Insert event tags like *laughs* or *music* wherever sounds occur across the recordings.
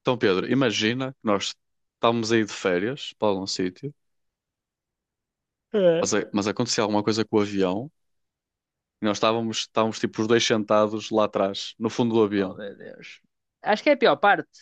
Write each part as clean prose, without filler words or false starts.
Então, Pedro, imagina que nós estávamos aí de férias para algum sítio, É. mas acontecia alguma coisa com o avião e nós estávamos tipo os dois sentados lá atrás, no fundo do Oh, avião. meu Deus. Acho que é a pior parte.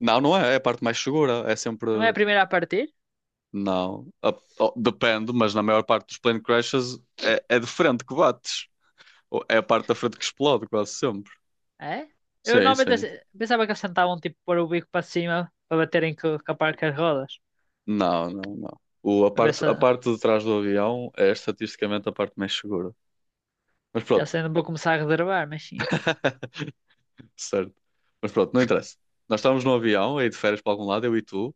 Não, não é a parte mais segura, é sempre. Não é a primeira a partir? Não, oh, depende, mas na maior parte dos plane crashes é de frente que bates, ou é a parte da frente que explode quase sempre. É? Eu Sim, normalmente sim. Pensava que eles tentavam tipo pôr o bico para cima para baterem com a parte das rodas. Não, não, não. O, a Para ver parte, se a parte de trás do avião é estatisticamente a parte mais segura. Mas já pronto. sei, não vou começar a reservar, mas sim. *laughs* Certo. Mas pronto, não interessa. Nós estávamos no avião, aí de férias para algum lado, eu e tu,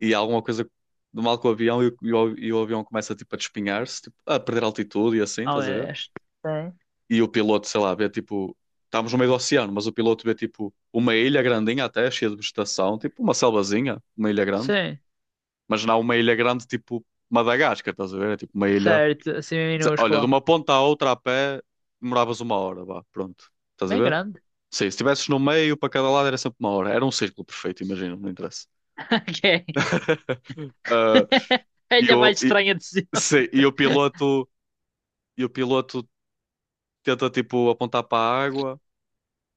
e há alguma coisa de mal com o avião e o avião começa tipo a despinhar-se, tipo, a perder altitude e assim, Oh, estás a meu ver? Deus. Sim. E o piloto, sei lá, vê tipo. Estávamos no meio do oceano, mas o piloto vê tipo uma ilha grandinha até, cheia de vegetação, tipo uma selvazinha, uma ilha grande, Sim, mas não uma ilha grande tipo Madagascar, estás a ver? É tipo uma ilha. certo. Assim Olha, de minúscula. uma ponta à outra a pé demoravas uma hora, vá, pronto, estás a Bem ver? grande. Sim, se estivesses no meio, para cada lado era sempre uma hora. Era um círculo perfeito, imagino, não interessa. *laughs* Ok. Ah, *laughs* e, É a o, mais e, estranha de sempre. sim, e o *laughs* piloto, e o piloto tenta tipo apontar para a água.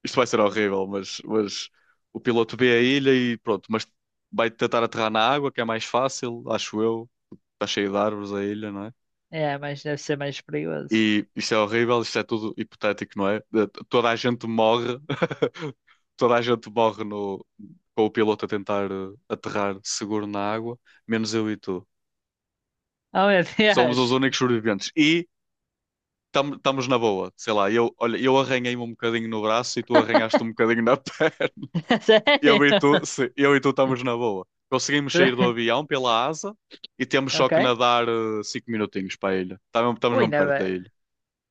Isto vai ser horrível, mas o piloto vê a ilha e pronto, mas vai tentar aterrar na água, que é mais fácil, acho eu. Está cheio de árvores a ilha, não é? É, mas deve ser mais perigoso. E isto é horrível, isto é tudo hipotético, não é? Toda a gente morre, *laughs* toda a gente morre no, com o piloto a tentar aterrar seguro na água, menos eu e tu. Oh, meu Somos os Deus! únicos sobreviventes e estamos na boa. Sei lá, olha, eu arranhei-me um bocadinho no braço e tu arranhaste um bocadinho na *laughs* perna. *laughs* Eu Sério? e tu, sim, eu e tu estamos na boa. Conseguimos sair do *laughs* avião pela asa e temos só Ok. que nadar 5 minutinhos para a ilha. Estamos Ui, mesmo não. perto da ilha.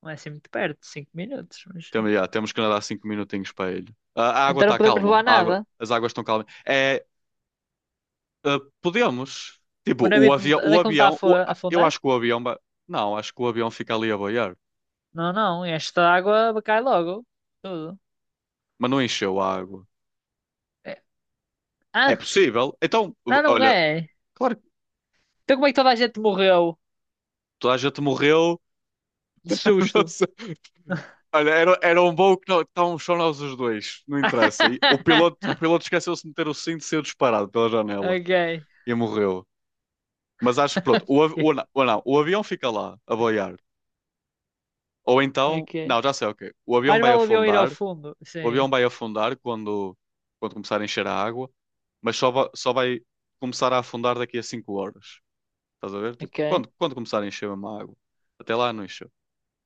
Não é assim muito perto, 5 minutos, mas sim. Temos que nadar cinco minutinhos para ele. A água Então não está podemos calma. levar A água, nada. as águas estão calmas. É, podemos. O Tipo, o navio não avião. Onde O é que não está a avião a eu afundar? acho que o avião. Não, acho que o avião fica ali a boiar. Não, não, esta água cai logo. Tudo. Mas não encheu a água. É. É Ah, possível. Então, não, não olha, é. claro que Então como é que toda a gente morreu toda a gente morreu. de *laughs* Não susto? sei. Olha, era um voo que não, estávamos só nós os dois. Não interessa. E o *laughs* piloto, o piloto esqueceu-se de meter o cinto e saiu disparado pela janela. Ok. E morreu. Mas acho que pronto. O, av- Ok. o, não, o não, o avião fica lá a boiar. Ou então, Ok. não, já sei, ok. O avião Mais vai vale o avião ir ao afundar, fundo. o avião Sim. vai afundar quando, quando começar a encher a água, mas só vai começar a afundar daqui a 5 horas. Estás a ver? Tipo, Ok. quando começar a encher mesmo a água. Até lá não encheu.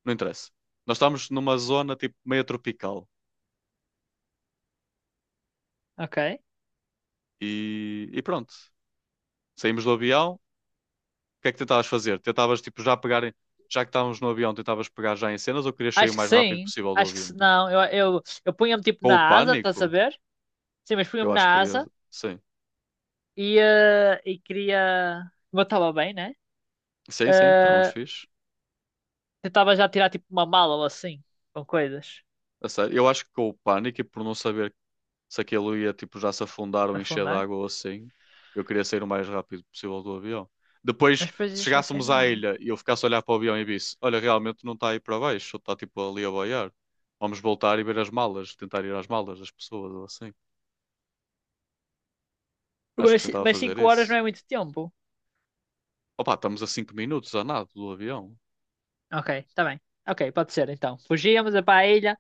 Não interessa. Nós estamos numa zona tipo meio tropical Ok. e pronto. Saímos do avião. O que é que tentavas fazer? Tentavas tipo já pegar, já que estávamos no avião, tentavas pegar já em cenas ou querias sair o Acho que mais rápido sim. possível do Acho que se avião? não. Eu punha-me tipo Com o na asa, estás pânico? a ver? Sim, mas punha-me Eu acho que na queria. asa. Sim. E queria. Como eu estava bem, né? Sim, sim, estávamos Eh, fixe. Tentava já tirar tipo uma mala ou assim, com coisas, A sério, eu acho que com o pânico e por não saber se aquilo ia tipo já se afundar ou encher de afundar. água ou assim, eu queria sair o mais rápido possível do avião. Depois, Mas depois se ia ficar sem chegássemos à nada. ilha e eu ficasse a olhar para o avião e visse, olha, realmente não está aí para baixo, está tipo ali a boiar. Vamos voltar e ver as malas, tentar ir às malas das pessoas ou assim. Acho que Mas, tentava mas fazer 5 horas não isso. é muito tempo. Opa, estamos a cinco minutos a nada do avião. Ok, está bem. Ok, pode ser então. Fugíamos para a ilha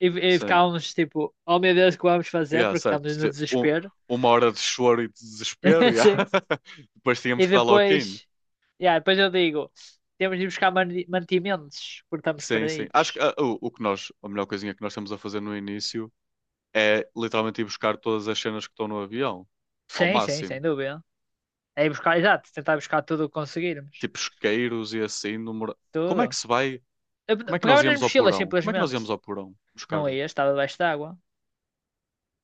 e Sim. ficávamos tipo, oh meu Deus, o que vamos fazer? Yeah, Porque certo. estamos no Se- Um, desespero. uma hora de choro e de desespero, *laughs* yeah. Sim. *laughs* Depois E tínhamos que dar lock-in. depois. Yeah, depois eu digo, temos de ir buscar mantimentos, porque estamos Sim, sim. Acho que perdidos. A melhor coisinha que nós estamos a fazer no início é literalmente ir buscar todas as cenas que estão no avião, ao Sim, sim, sem máximo. dúvida. É ir buscar, exato, tentar buscar tudo o que conseguirmos. Tipo isqueiros e assim. Número... Como é que Tudo. se vai? Eu Como é que nós pegava nas íamos ao mochilas, porão? Como é que nós íamos simplesmente. ao porão buscar? Não ia, estava debaixo de água.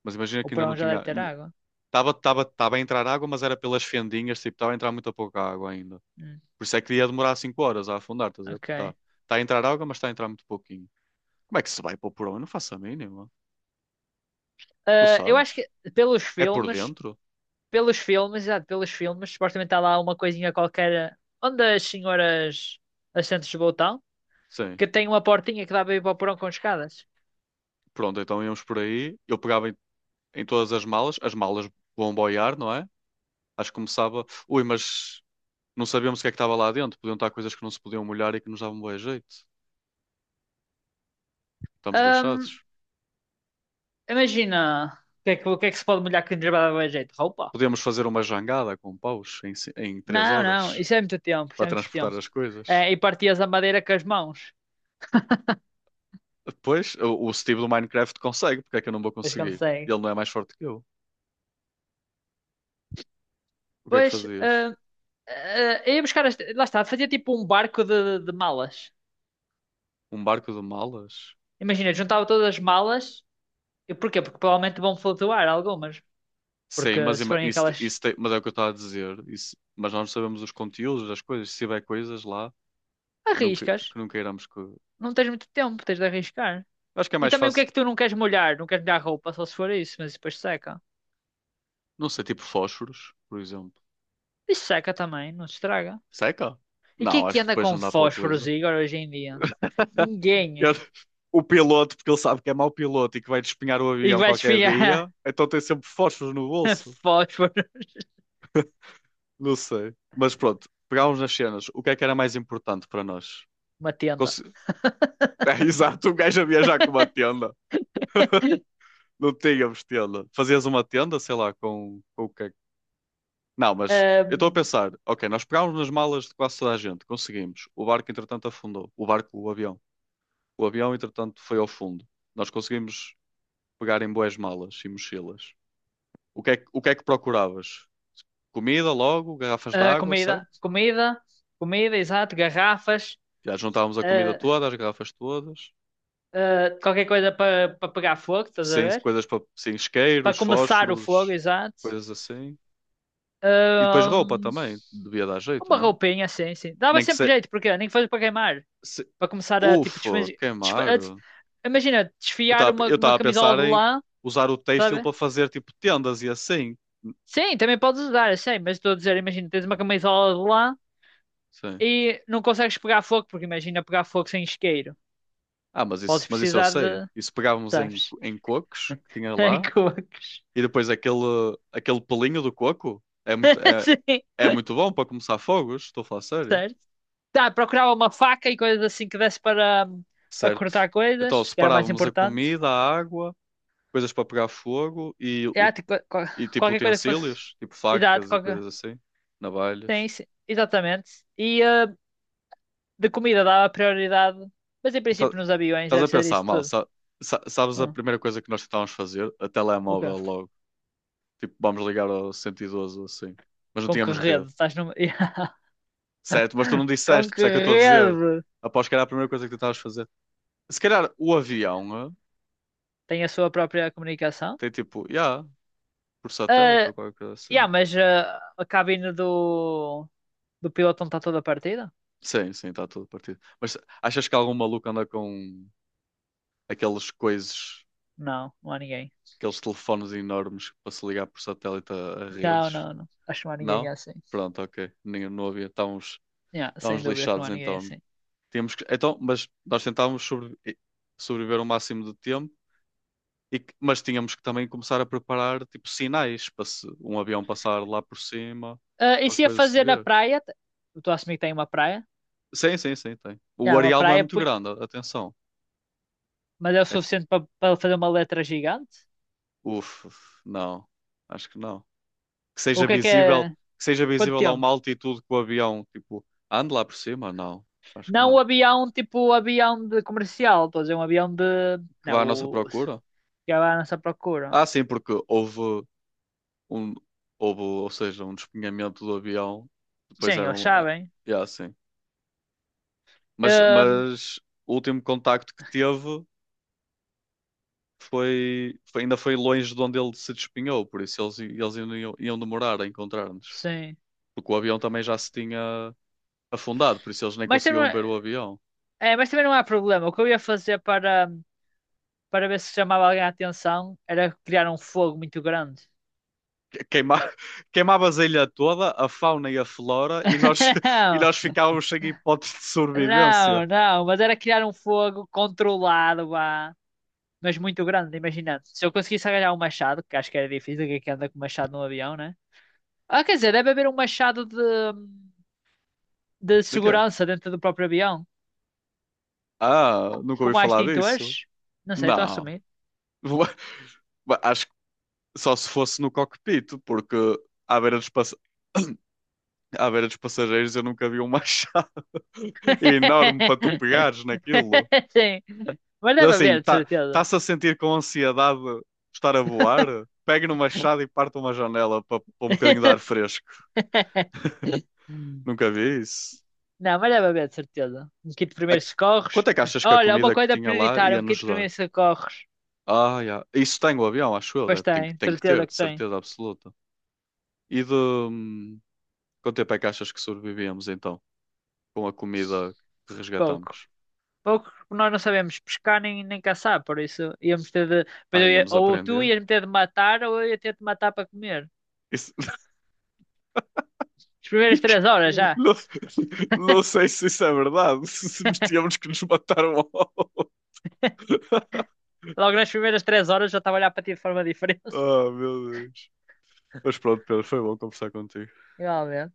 Mas imagina O que ainda não porão já tinha. deve ter água. Estava tava, tava tava a entrar água, mas era pelas fendinhas, tipo, estava a entrar muito pouca água ainda. Hum, Por isso é que ia demorar 5 horas a afundar, estás a ver? Está ok. tá tá a entrar água, mas está a entrar muito pouquinho. Como é que se vai para o porão? Eu não faço a mínima. Tu Ah, eu acho sabes? que pelos É por filmes, dentro? pelos filmes, exato, pelos filmes, supostamente está lá uma coisinha qualquer onde as senhoras assentos de botão, Sim. que tem uma portinha que dá para ir para o porão com escadas. Pronto, então íamos por aí. Eu pegava em todas as malas vão boiar, não é? Acho que começava. Ui, mas não sabíamos o que é que estava lá dentro. Podiam estar coisas que não se podiam molhar e que nos davam bom jeito. Estamos lixados. Ahm, Imagina, o que é que se pode molhar que nos vai dar jeito? Roupa? Podíamos fazer uma jangada com paus em três Não, não, horas isso é muito tempo, isso para é muito transportar tempo. as coisas. É, e partias a madeira com as mãos. Depois, o Steve do Minecraft consegue, porque é que eu não vou Pois conseguir? consegue. Ele não é mais forte que eu. O que é que Pois, fazias? hum, Ah, eu ia buscar, lá está, fazia tipo um barco de malas. Um barco de malas? Imagina, juntava todas as malas. E porquê? Porque provavelmente vão flutuar algumas. Sim, Porque mas, se ima- forem isso, aquelas isso tem- mas é o que eu estava a dizer. Isso, mas nós não sabemos os conteúdos das coisas. Se tiver coisas lá que não, que, arriscas, que não queiramos que. não tens muito tempo, tens de arriscar. Acho que é E mais também o que é fácil. que tu não queres molhar? Não queres molhar a roupa, só se for isso, mas depois seca. Não sei, tipo fósforos, por exemplo. E seca também, não se estraga. Seca? E quem é Não, que acho que anda depois com não dá para fósforos, utilizar. Igor, hoje em dia? *laughs* Ninguém. O piloto, porque ele sabe que é mau piloto e que vai despenhar o E avião vais qualquer esfriar dia, então tem sempre fósforos no bolso. *laughs* fósforo Não sei. Mas pronto, pegámos nas cenas. O que é que era mais importante para nós? uma tenda. Conse- *laughs* É exato, um gajo a viajar com uma tenda. Não tínhamos tenda. Fazias uma tenda, sei lá, com o que é que- Não, mas *laughs* eu estou a pensar, ok, nós pegámos nas malas de quase toda a gente, conseguimos. O barco, entretanto, afundou. O avião. O avião, entretanto, foi ao fundo. Nós conseguimos pegar em boas malas e mochilas. O que é que procuravas? Comida logo, garrafas de Ah, água, comida, certo? comida, comida, exato, garrafas, Já juntávamos a comida ah, toda, as garrafas todas. ah, qualquer coisa para pegar fogo, estás a Sim, ver? coisas para, sim, Para isqueiros, começar o fogo, fósforos, exato. coisas assim. E depois roupa Ahm, também, devia dar jeito, uma não? roupinha, sim, sim. Dava Nem que sempre se, jeito, porque nem que fosse para queimar, para começar a tipo ufa, desfazer. queimar. Eu Imagina, desfiar estava uma, eu uma estava a camisola pensar de em lã, usar o têxtil sabe? para fazer tipo tendas e assim. Sim, também podes usar, eu sei, mas estou a dizer, imagina, tens uma camisola de lã Sim. e não consegues pegar fogo, porque imagina pegar fogo sem isqueiro. Ah, mas isso, Podes mas isso eu precisar de, sei. Isso pegávamos em, sabes? em cocos que tinha Em lá cocos. e depois aquele pelinho do coco é muito, *laughs* é, Sim, é muito bom para começar fogos, estou a falar sério. certo. Tá, procurava uma faca e coisas assim que desse para Certo. cortar Então coisas, que era o mais separávamos a importante. comida, a água, coisas para pegar fogo e, o, É, tipo, e tipo qualquer coisa que fosse. utensílios, tipo Exato, facas e qualquer. coisas assim, Sim, navalhas. sim, exatamente. E de comida dava prioridade, mas em Tá- princípio nos aviões Estás a deve ser pensar isso mal, tudo. sabes a Hum, primeira coisa que nós tentávamos fazer? A ok. telemóvel logo. Tipo, vamos ligar ao 112 ou assim. Mas não Com que tínhamos rede? rede. Estás numa. *laughs* Yeah. Certo, mas tu não Com disseste, por isso que é que eu estou a dizer. rede? Após que era a primeira coisa que tentavas fazer. Se calhar o avião, Tem a sua própria comunicação. tem tipo, yeah, por satélite Ah, ou qualquer coisa assim. yeah, mas a cabine do piloto não está toda partida? Sim, sim, está tudo partido. Mas achas que algum maluco anda com aqueles coisas, Não, não há ninguém. aqueles telefones enormes para se ligar por satélite a Não, redes? não, não. Acho que não há ninguém Não? assim. Pronto, ok. Ninguém não havia. Estávamos. Yeah, sem Estávamos dúvida que não lixados há ninguém então. assim. Tínhamos que, então, mas nós tentávamos sobreviver o máximo de tempo, mas tínhamos que também começar a preparar tipo sinais para se um avião passar lá por cima, Ah, e a se ia coisa se fazer na ver. praia? Eu estou a assumir que tem uma praia. Sim, sim, sim, tem. O Yeah, uma areal não é praia, muito grande, atenção. mas é o É, suficiente para fazer uma letra gigante? uf, uf, não, acho que não. Que O seja que é que visível, é? que seja Quanto visível a uma tempo? altitude que o avião, tipo, ande lá por cima? Não, acho que Não o não. avião, tipo o avião de comercial. Estou a dizer um avião de. Que vá Não, à nossa o. procura? Que é à nossa procura. Ah, sim, porque houve. um, houve ou seja, um despenhamento do avião. Depois Sim, eles eram. Sabem. Yeah, sim. Mas, Ahm, mas o último contacto que teve ainda foi longe de onde ele se despenhou, por isso eles ainda iam demorar a encontrar-nos. sim. Porque o avião também já se tinha afundado, por isso eles nem Mas, conseguiam também ver o avião. é, mas também não há problema. O que eu ia fazer para ver se chamava alguém a atenção, era criar um fogo muito grande. Queima, *laughs* queimavas a ilha toda, a fauna e a flora, e nós, *laughs* *laughs* e nós Não, ficávamos sem hipótese de sobrevivência. não, não, mas era criar um fogo controlado, vá, mas muito grande, imagina. Se eu conseguisse agarrar um machado, que acho que era difícil, que é que anda com machado num avião, né? Ah, quer dizer, deve haver um machado de De quê? segurança dentro do próprio avião, Ah, nunca ouvi como há falar disso. extintores. Não sei, estou a Não. assumir. *laughs* Acho Só se fosse no cockpit, porque à beira dos, pass- à beira dos passageiros eu nunca vi um machado *laughs* enorme para tu *laughs* pegares naquilo. Sim, mas Ele deve assim, haver, de tá, certeza. tá-se a sentir com ansiedade de estar a voar? Pegue no machado e parte uma janela para um bocadinho de ar fresco. *laughs* Nunca vi isso. Não, mas deve haver, de certeza. Um kit de A- primeiros socorros. Quanto é que achas que a Olha, uma comida que coisa tinha lá prioritária, ia um kit nos de dar? primeiros socorros. Ah, já. Isso tem o avião, acho eu. Pois Tem que, tem, de tem que ter, certeza de que tem. certeza absoluta. E de... hum, Quanto tempo é que achas que sobrevivíamos então? Com a comida que Pouco. resgatamos? Pouco, porque nós não sabemos pescar nem caçar, por isso íamos ter de. Pois Ah, eu íamos ou tu aprender. ias me ter de matar, ou eu ia ter de matar para comer. Isso- As primeiras três *laughs* horas já. Não, não sei se isso é verdade, *laughs* se nos tínhamos que nos matar um ao outro. *laughs* Logo nas primeiras 3 horas já estava a olhar para ti de forma diferente. *laughs* Ah, meu Deus. Mas pronto, Pedro, foi bom conversar contigo. Igualmente.